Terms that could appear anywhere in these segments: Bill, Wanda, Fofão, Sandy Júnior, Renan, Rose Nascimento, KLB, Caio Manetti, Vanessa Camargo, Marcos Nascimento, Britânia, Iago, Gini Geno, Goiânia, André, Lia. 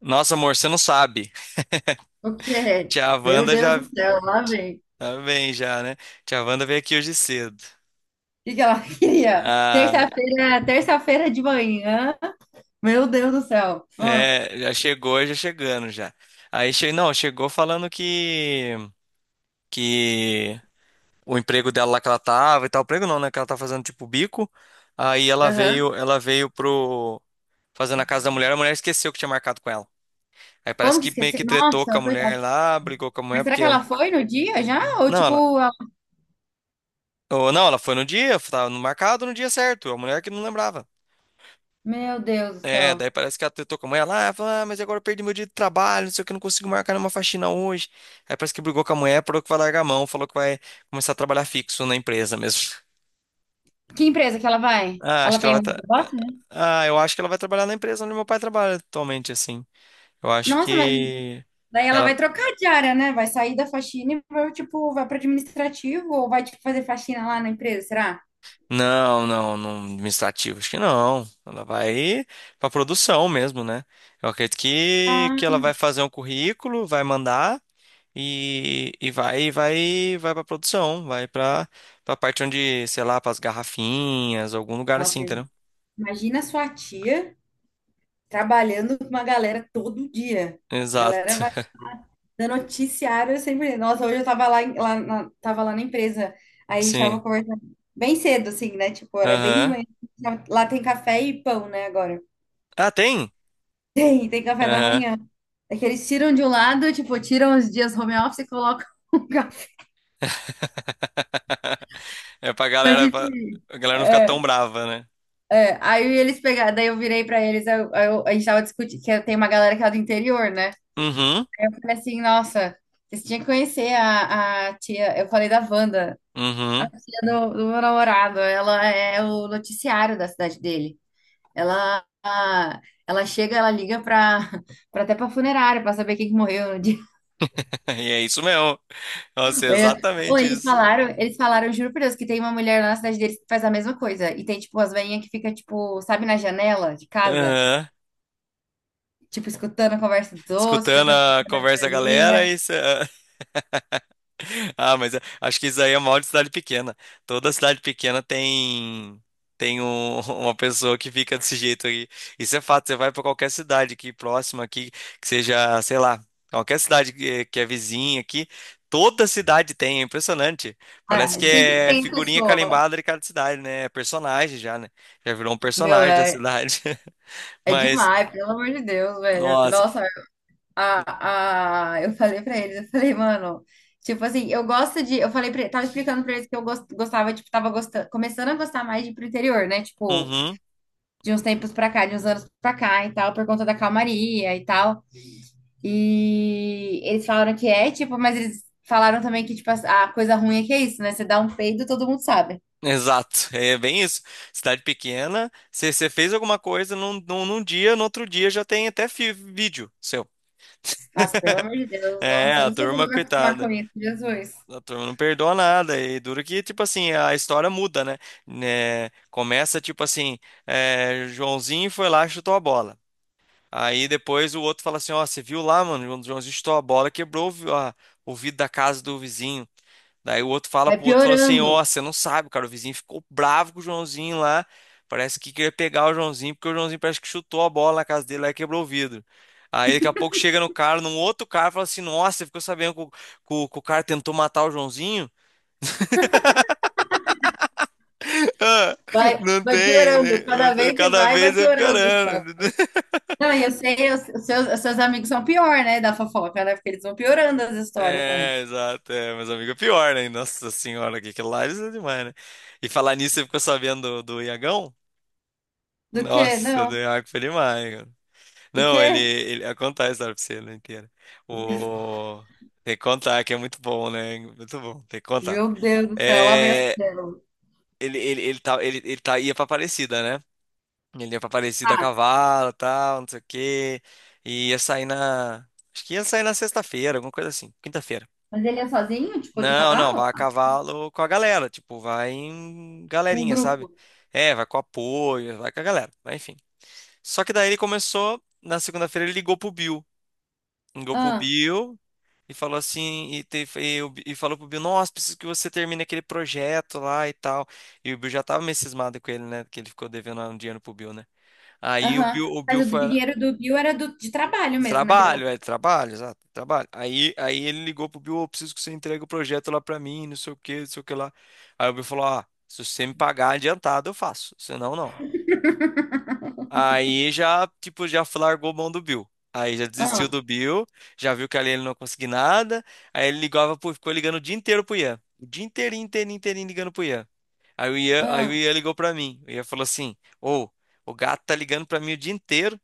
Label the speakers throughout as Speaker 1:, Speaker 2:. Speaker 1: Nossa, amor, você não sabe.
Speaker 2: O que é?
Speaker 1: Tia
Speaker 2: Meu
Speaker 1: Wanda
Speaker 2: Deus
Speaker 1: já
Speaker 2: do céu, lá vem. O
Speaker 1: tá bem já, né? Tia Wanda veio aqui hoje cedo.
Speaker 2: que que ela queria?
Speaker 1: Ah,
Speaker 2: Terça-feira, terça-feira de manhã. Meu Deus do céu. Ah.
Speaker 1: é, já chegou, já chegando já. Não, chegou falando que o emprego dela lá que ela tava e tal, emprego não, né, que ela tá fazendo tipo bico. Aí
Speaker 2: Aham.
Speaker 1: ela veio pro fazendo a casa da mulher, a mulher esqueceu que tinha marcado com ela. Aí parece
Speaker 2: Como que
Speaker 1: que meio
Speaker 2: esqueci?
Speaker 1: que tretou com
Speaker 2: Nossa,
Speaker 1: a mulher
Speaker 2: coitada.
Speaker 1: lá, brigou com a
Speaker 2: Mas
Speaker 1: mulher
Speaker 2: será
Speaker 1: porque
Speaker 2: que ela foi no dia já? Ou
Speaker 1: não, ela,
Speaker 2: tipo, ela-
Speaker 1: ou, não, ela foi no dia, tava no marcado no dia certo, a mulher que não lembrava.
Speaker 2: meu Deus do
Speaker 1: É,
Speaker 2: céu.
Speaker 1: daí parece que ela tretou com a mãe lá, ela ah, fala, ah, mas agora eu perdi meu dia de trabalho, não sei o que, não consigo marcar nenhuma faxina hoje. Aí parece que brigou com a mulher, falou que vai largar a mão, falou que vai começar a trabalhar fixo na empresa mesmo.
Speaker 2: Que empresa que ela vai?
Speaker 1: Ah, acho
Speaker 2: Ela
Speaker 1: que ela
Speaker 2: tem
Speaker 1: vai
Speaker 2: algum
Speaker 1: tra...
Speaker 2: negócio, né?
Speaker 1: Ah, eu acho que ela vai trabalhar na empresa onde meu pai trabalha atualmente, assim. Eu acho
Speaker 2: Nossa, mas
Speaker 1: que
Speaker 2: daí ela vai
Speaker 1: ela
Speaker 2: trocar de área, né? Vai sair da faxina e vai, tipo, vai para administrativo ou vai, tipo, fazer faxina lá na empresa, será?
Speaker 1: Não, não, não administrativo, acho que não. Ela vai pra produção mesmo, né? Eu acredito que
Speaker 2: Ah,
Speaker 1: ela vai fazer um currículo, vai mandar. E vai, vai pra produção, vai pra, pra parte onde, sei lá, pras garrafinhas, algum lugar assim,
Speaker 2: nossa,
Speaker 1: entendeu?
Speaker 2: imagina sua tia trabalhando com uma galera todo dia. A galera
Speaker 1: Exato.
Speaker 2: vai dando noticiário eu sempre. Nossa, hoje eu tava lá, em- lá na, tava lá na empresa. Aí a gente tava
Speaker 1: Sim.
Speaker 2: conversando bem cedo, assim, né? Tipo, era bem de
Speaker 1: Aham.
Speaker 2: manhã. Lá tem café e pão, né, agora.
Speaker 1: Ah, tem?
Speaker 2: Tem, tem café da
Speaker 1: Aham.
Speaker 2: manhã. É que eles tiram de um lado, tipo, tiram os dias home office e colocam o café.
Speaker 1: É pra
Speaker 2: Mas,
Speaker 1: galera, pra,
Speaker 2: enfim,
Speaker 1: a galera não ficar tão
Speaker 2: é,
Speaker 1: brava, né?
Speaker 2: é. Aí eles pegaram, daí eu virei pra eles, aí eu- a gente tava discutindo, que tem uma galera que é do interior, né?
Speaker 1: Uhum.
Speaker 2: Falei assim, nossa, vocês tinham que conhecer a tia. Eu falei da Wanda, a
Speaker 1: Uhum.
Speaker 2: tia do, do meu namorado. Ela é o noticiário da cidade dele. Ela, a- ela chega, ela liga para até para funerária para saber quem que morreu no dia.
Speaker 1: E é isso mesmo. Nossa, é
Speaker 2: É. Ou
Speaker 1: exatamente isso.
Speaker 2: eles falaram, juro por Deus, que tem uma mulher lá na cidade deles que faz a mesma coisa. E tem, tipo, as velhinhas que fica, tipo, sabe, na janela de casa,
Speaker 1: Aham.
Speaker 2: tipo, escutando a conversa dos outros,
Speaker 1: Escutando
Speaker 2: prestando
Speaker 1: a
Speaker 2: atenção na
Speaker 1: conversa da galera,
Speaker 2: alheia.
Speaker 1: isso. Ah, mas eu acho que isso aí é mal de cidade pequena. Toda cidade pequena tem uma pessoa que fica desse jeito aí. Isso é fato. Você vai para qualquer cidade aqui próxima aqui, que seja, sei lá, qualquer cidade que é vizinha aqui, toda cidade tem. É impressionante. Parece
Speaker 2: Ah,
Speaker 1: que
Speaker 2: sempre
Speaker 1: é
Speaker 2: tem a
Speaker 1: figurinha
Speaker 2: pessoa.
Speaker 1: carimbada de cada cidade, né? É personagem já, né? Já virou um
Speaker 2: Meu,
Speaker 1: personagem da
Speaker 2: é,
Speaker 1: cidade.
Speaker 2: é
Speaker 1: Mas,
Speaker 2: demais, pelo amor de Deus, velho.
Speaker 1: nossa.
Speaker 2: Nossa, eu falei pra eles, eu falei, mano, tipo assim, eu gosto de, eu falei pra, tava explicando pra eles que eu gos- gostava, tipo, tava gostando, começando a gostar mais de ir pro interior, né? Tipo,
Speaker 1: Uhum.
Speaker 2: de uns tempos pra cá, de uns anos pra cá e tal, por conta da calmaria e tal. E eles falaram que é, tipo, mas eles falaram também que, tipo, a coisa ruim é que é isso, né? Você dá um peido, todo mundo sabe.
Speaker 1: Exato, é bem isso. Cidade pequena, você fez alguma coisa num dia, no outro dia já tem vídeo seu.
Speaker 2: Mas, pelo amor de Deus,
Speaker 1: É,
Speaker 2: nossa, eu
Speaker 1: a
Speaker 2: não sei se eu
Speaker 1: turma,
Speaker 2: vou me acostumar
Speaker 1: coitada.
Speaker 2: com isso, Jesus.
Speaker 1: A turma não perdoa nada. E duro que, tipo assim, a história muda, né? Né, começa, tipo assim, é, Joãozinho foi lá e chutou a bola. Aí depois o outro fala assim, ó, você viu lá, mano? O Joãozinho chutou a bola, quebrou o vidro da casa do vizinho. Daí o outro fala
Speaker 2: Vai
Speaker 1: pro outro, fala assim,
Speaker 2: piorando.
Speaker 1: ó, você não sabe, cara, o vizinho ficou bravo com o Joãozinho lá, parece que queria pegar o Joãozinho, porque o Joãozinho parece que chutou a bola na casa dele lá e quebrou o vidro. Aí daqui a pouco chega no cara, num outro cara, fala assim, nossa, você ficou sabendo que o cara tentou matar o Joãozinho? Ah,
Speaker 2: Vai,
Speaker 1: não
Speaker 2: vai
Speaker 1: tem, né?
Speaker 2: piorando.
Speaker 1: Não
Speaker 2: Cada
Speaker 1: tem-
Speaker 2: vez que
Speaker 1: Cada
Speaker 2: vai, vai
Speaker 1: vez é
Speaker 2: piorando. Só.
Speaker 1: piorando.
Speaker 2: Não, e eu sei, os seus, os seus amigos são pior, né, da fofoca, né? Porque eles vão piorando as histórias também.
Speaker 1: É, exato, é, mas amigo, é pior, né? Nossa senhora, que aquilo lá isso é demais, né? E falar nisso, você ficou sabendo do Iagão?
Speaker 2: Do que?
Speaker 1: Nossa, do
Speaker 2: Não.
Speaker 1: Iago foi demais.
Speaker 2: O
Speaker 1: Não,
Speaker 2: quê?
Speaker 1: ele eu contar a história pra você né, inteira. O Tem que contar que é muito bom, né? Muito bom, tem que contar.
Speaker 2: Meu Deus do céu, lá vem as
Speaker 1: É,
Speaker 2: pérolas.
Speaker 1: ele tá ia pra Aparecida, né? Ele ia pra Aparecida a cavalo, tal, não sei o quê. E ia sair na Acho que ia sair na sexta-feira, alguma coisa assim, quinta-feira.
Speaker 2: Mas ele é sozinho, tipo, de
Speaker 1: Não, não,
Speaker 2: cavalo?
Speaker 1: vai a cavalo com a galera, tipo, vai em
Speaker 2: Um
Speaker 1: galerinha, sabe?
Speaker 2: grupo?
Speaker 1: É, vai com apoio, vai com a galera, mas enfim. Só que daí ele começou, na segunda-feira ele ligou pro Bill. Ligou pro
Speaker 2: Ah,
Speaker 1: Bill, e falou assim, e, te, e, o Bi- e falou pro Bill, nossa, preciso que você termine aquele projeto lá e tal. E o Bill já tava meio cismado com ele, né? Que ele ficou devendo um dinheiro pro Bill, né? Aí o
Speaker 2: aham.
Speaker 1: Bill,
Speaker 2: Mas o do
Speaker 1: Foi.
Speaker 2: dinheiro do Bill era do, de trabalho mesmo, né? Que ele tava-
Speaker 1: Trabalho, é, trabalho, exato, trabalho. Aí ele ligou pro Bill, "Ô, preciso que você entregue o projeto lá pra mim, não sei o que, não sei o que lá." Aí o Bill falou, ah, se você me pagar adiantado, eu faço. Senão, não. Aí já, tipo, já largou mão do Bill. Aí já desistiu
Speaker 2: ah,
Speaker 1: do Bill, já viu que ali ele não conseguia nada. Aí ele ligava, ficou ligando o dia inteiro pro Ian. O dia inteirinho, inteirinho, inteirinho ligando pro Ian. Aí o Ian, aí o
Speaker 2: ah,
Speaker 1: Ian ligou pra mim. O Ian falou assim: ô, o gato tá ligando pra mim o dia inteiro.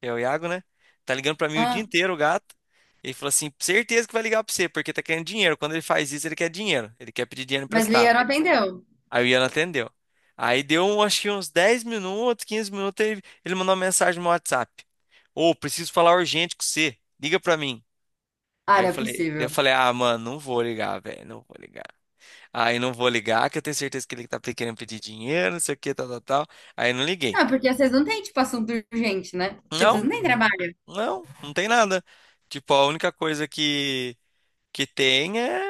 Speaker 1: É o Iago, né? Tá ligando pra mim o dia
Speaker 2: ah.
Speaker 1: inteiro o gato. Ele falou assim: certeza que vai ligar pra você, porque tá querendo dinheiro. Quando ele faz isso, ele quer dinheiro. Ele quer pedir dinheiro
Speaker 2: Mas Lia
Speaker 1: emprestado.
Speaker 2: não atendeu.
Speaker 1: Aí o Ian atendeu. Acho que uns 10 minutos, 15 minutos, ele mandou uma mensagem no WhatsApp. Ô, preciso falar urgente com você. Liga pra mim.
Speaker 2: Ah,
Speaker 1: Aí eu
Speaker 2: não é
Speaker 1: falei, daí eu
Speaker 2: possível.
Speaker 1: falei, ah, mano, não vou ligar, velho, não vou ligar. Aí não vou ligar, que eu tenho certeza que ele tá querendo pedir dinheiro, não sei o que, tal, tal, tal. Aí não liguei.
Speaker 2: Não, porque vocês não têm, tipo, assunto urgente, né? Tipo, vocês
Speaker 1: Não,
Speaker 2: não têm trabalho.
Speaker 1: não tem nada. Tipo, a única coisa que tem é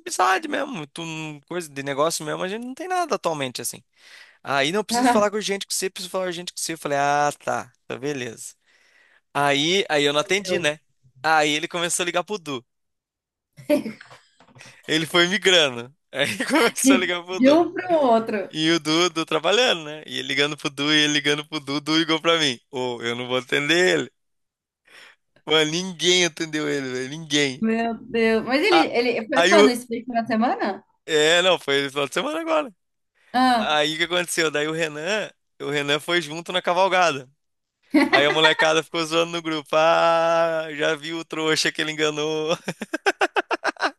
Speaker 1: amizade mesmo. Tu, coisa de negócio mesmo, a gente não tem nada atualmente, assim. Aí não preciso falar com urgente com você, Preciso falar urgente com você. Eu falei, ah, tá, tá, beleza. Aí eu não
Speaker 2: Ah,
Speaker 1: atendi,
Speaker 2: meu
Speaker 1: né? Aí ele começou a ligar pro Du.
Speaker 2: Deus.
Speaker 1: Ele foi migrando. Aí começou a ligar pro
Speaker 2: De
Speaker 1: Du.
Speaker 2: um para o outro.
Speaker 1: E o Du, Du trabalhando, né? E ele ligando pro Du, o Du ligou pra mim. Ô, eu não vou atender ele. Mano, ninguém atendeu ele, velho, ninguém.
Speaker 2: Meu Deus. Mas
Speaker 1: A
Speaker 2: ele foi
Speaker 1: aí o.
Speaker 2: quando? Isso foi na semana?
Speaker 1: É, não, foi no final de semana agora.
Speaker 2: Ah,
Speaker 1: Aí o que aconteceu? O Renan foi junto na cavalgada. Aí a molecada ficou zoando no grupo. Ah, já viu o trouxa que ele enganou.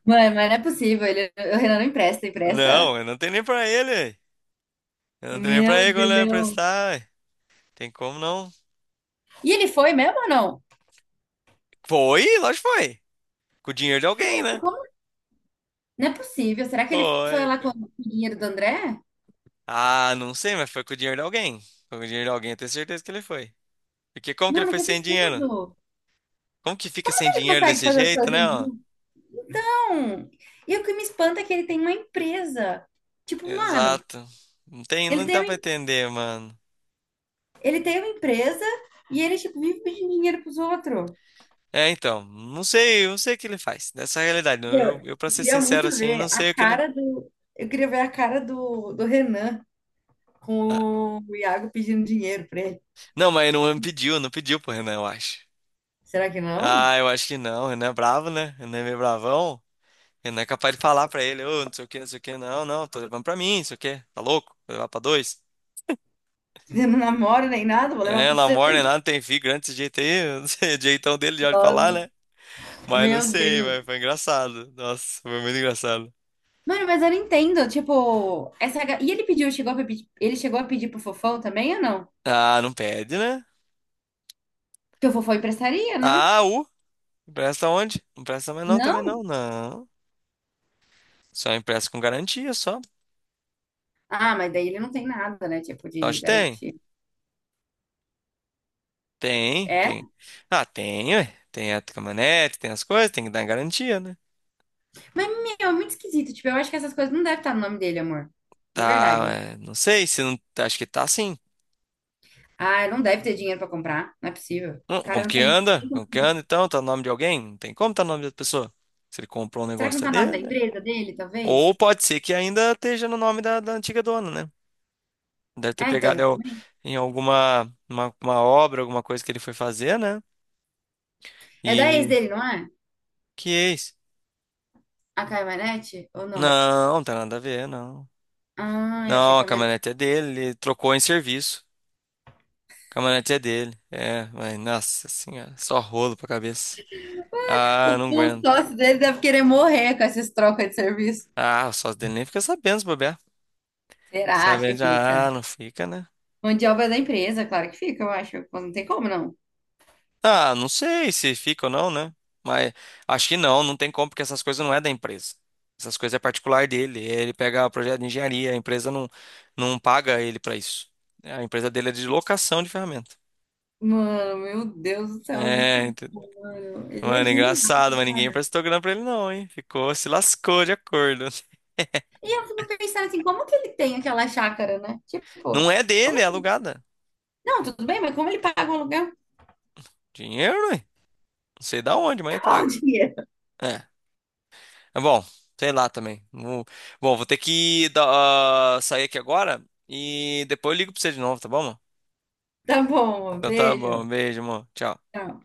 Speaker 2: mãe, mas não é possível. Ele, o Renan não empresta, empresta?
Speaker 1: Não, eu não tenho nem pra ele. Eu não tenho nem pra
Speaker 2: Meu
Speaker 1: ele quando ele vai
Speaker 2: Deus.
Speaker 1: prestar. Ué. Tem como não?
Speaker 2: E ele foi mesmo ou não?
Speaker 1: Foi, lógico que foi. Com o dinheiro de alguém, né?
Speaker 2: Como? Não é possível. Será que ele foi
Speaker 1: Foi,
Speaker 2: lá com
Speaker 1: cara.
Speaker 2: o dinheiro do André?
Speaker 1: Ah, não sei, mas foi com o dinheiro de alguém. Foi com o dinheiro de alguém, eu tenho certeza que ele foi. Porque como que ele
Speaker 2: Mano,
Speaker 1: foi
Speaker 2: que
Speaker 1: sem dinheiro?
Speaker 2: absurdo.
Speaker 1: Como que fica sem
Speaker 2: Ele
Speaker 1: dinheiro
Speaker 2: consegue
Speaker 1: desse
Speaker 2: fazer as
Speaker 1: jeito,
Speaker 2: coisas
Speaker 1: né,
Speaker 2: em
Speaker 1: ó?
Speaker 2: um? Não. E o que me espanta é que ele tem uma empresa. Tipo, mano,
Speaker 1: Exato. Não tem,
Speaker 2: ele
Speaker 1: não dá pra
Speaker 2: tem,
Speaker 1: entender, mano.
Speaker 2: ele tem uma empresa e ele, tipo, vive pedindo dinheiro pros outros.
Speaker 1: É, então, não sei, eu não sei o que ele faz. Nessa realidade, não,
Speaker 2: Meu,
Speaker 1: eu para
Speaker 2: eu
Speaker 1: ser
Speaker 2: queria
Speaker 1: sincero
Speaker 2: muito
Speaker 1: assim,
Speaker 2: ver
Speaker 1: não
Speaker 2: a
Speaker 1: sei o que ele.
Speaker 2: cara do. Eu queria ver a cara do, do Renan
Speaker 1: Ah,
Speaker 2: com o Iago pedindo dinheiro pra ele.
Speaker 1: não, mas ele não pediu, não pediu pro Renan, eu acho.
Speaker 2: Será que não?
Speaker 1: Ah, eu acho que não. Renan é bravo, né? Renan é meio bravão. Renan é capaz de falar pra ele, ô, não sei o que, não sei o que, não, não, tô levando pra mim, não sei o que, tá louco? Vou levar pra dois.
Speaker 2: Eu não namoro nem nada, vou levar
Speaker 1: É,
Speaker 2: pra você.
Speaker 1: Lamor, nem nada, tem filho grande desse jeito aí, eu não sei, o jeitão dele já de falar,
Speaker 2: Nossa.
Speaker 1: né? Mas não
Speaker 2: Meu
Speaker 1: sei,
Speaker 2: Deus.
Speaker 1: mas foi engraçado. Nossa, foi muito engraçado.
Speaker 2: Mano, mas eu não entendo. Tipo, essa. Ga- e ele pediu, chegou a pedir, ele chegou a pedir pro Fofão também ou não?
Speaker 1: Ah, não pede, né?
Speaker 2: Porque o Fofão emprestaria, né?
Speaker 1: Ah, o. Presta onde? Não presta mais não, também
Speaker 2: Não?
Speaker 1: não. Não. Só impressa com garantia, só.
Speaker 2: Ah, mas daí ele não tem nada, né? Tipo, de
Speaker 1: Acho tem.
Speaker 2: garantia.
Speaker 1: Tem,
Speaker 2: É?
Speaker 1: tem. Ah, tem, ué. Tem a caminhonete, tem as coisas, tem que dar garantia, né?
Speaker 2: Mas, meu, é muito esquisito. Tipo, eu acho que essas coisas não devem estar no nome dele, amor. De
Speaker 1: Tá,
Speaker 2: verdade.
Speaker 1: é, não sei se não. Acho que tá sim.
Speaker 2: Ah, não deve ter dinheiro pra comprar. Não é possível. O
Speaker 1: Como
Speaker 2: cara não
Speaker 1: que
Speaker 2: tem.
Speaker 1: anda? Como que anda então? Tá no nome de alguém? Não tem como tá no nome da pessoa. Se ele comprou um
Speaker 2: Será que não
Speaker 1: negócio é
Speaker 2: tá o nome da
Speaker 1: dele, né?
Speaker 2: empresa dele, talvez?
Speaker 1: Ou pode ser que ainda esteja no nome da antiga dona, né? Deve ter
Speaker 2: É, então,
Speaker 1: pegado é, o-
Speaker 2: exatamente.
Speaker 1: em uma obra, alguma coisa que ele foi fazer, né?
Speaker 2: É da ex
Speaker 1: E.
Speaker 2: dele, não é?
Speaker 1: Que é isso?
Speaker 2: A Caio Manetti? Ou não?
Speaker 1: Não, não tem nada a ver, não.
Speaker 2: Ah, eu achei
Speaker 1: Não,
Speaker 2: que
Speaker 1: a
Speaker 2: a minha.
Speaker 1: caminhonete é dele, ele trocou em serviço. A caminhonete é dele. É, mas nossa senhora, só rolo pra cabeça. Ah,
Speaker 2: O,
Speaker 1: não
Speaker 2: o
Speaker 1: aguento.
Speaker 2: sócio dele deve querer morrer com essas trocas de serviço.
Speaker 1: Ah, o sócio dele nem fica sabendo se bobear.
Speaker 2: Será que
Speaker 1: Sabendo, já, ah,
Speaker 2: fica?
Speaker 1: não fica, né?
Speaker 2: Mão de obra da empresa, claro que fica, eu acho. Pô, não tem como, não.
Speaker 1: Ah, não sei se fica ou não, né? Mas acho que não, não tem como, porque essas coisas não é da empresa. Essas coisas é particular dele. Ele pega o projeto de engenharia, a empresa não, não paga ele pra isso. A empresa dele é de locação de ferramenta.
Speaker 2: Mano, meu Deus do céu, muito
Speaker 1: É,
Speaker 2: bom, mano. Ele é
Speaker 1: mano,
Speaker 2: genial,
Speaker 1: engraçado, mas ninguém
Speaker 2: cara.
Speaker 1: emprestou grana pra ele não, hein? Ficou, se lascou de acordo.
Speaker 2: E eu fico pensando assim, como que ele tem aquela chácara, né?
Speaker 1: Não
Speaker 2: Tipo,
Speaker 1: é
Speaker 2: como
Speaker 1: dele, é alugada.
Speaker 2: não, tudo bem, mas como ele paga o aluguel?
Speaker 1: Dinheiro, hein? Não sei da onde, mas ele
Speaker 2: Qual o
Speaker 1: paga.
Speaker 2: dinheiro?
Speaker 1: É. É bom, sei lá também. Bom, vou ter que dar- ah, sair aqui agora e depois eu ligo pra você de novo, tá bom, mano?
Speaker 2: Tá bom,
Speaker 1: Então tá bom,
Speaker 2: beijo.
Speaker 1: beijo, amor. Tchau.
Speaker 2: Tchau.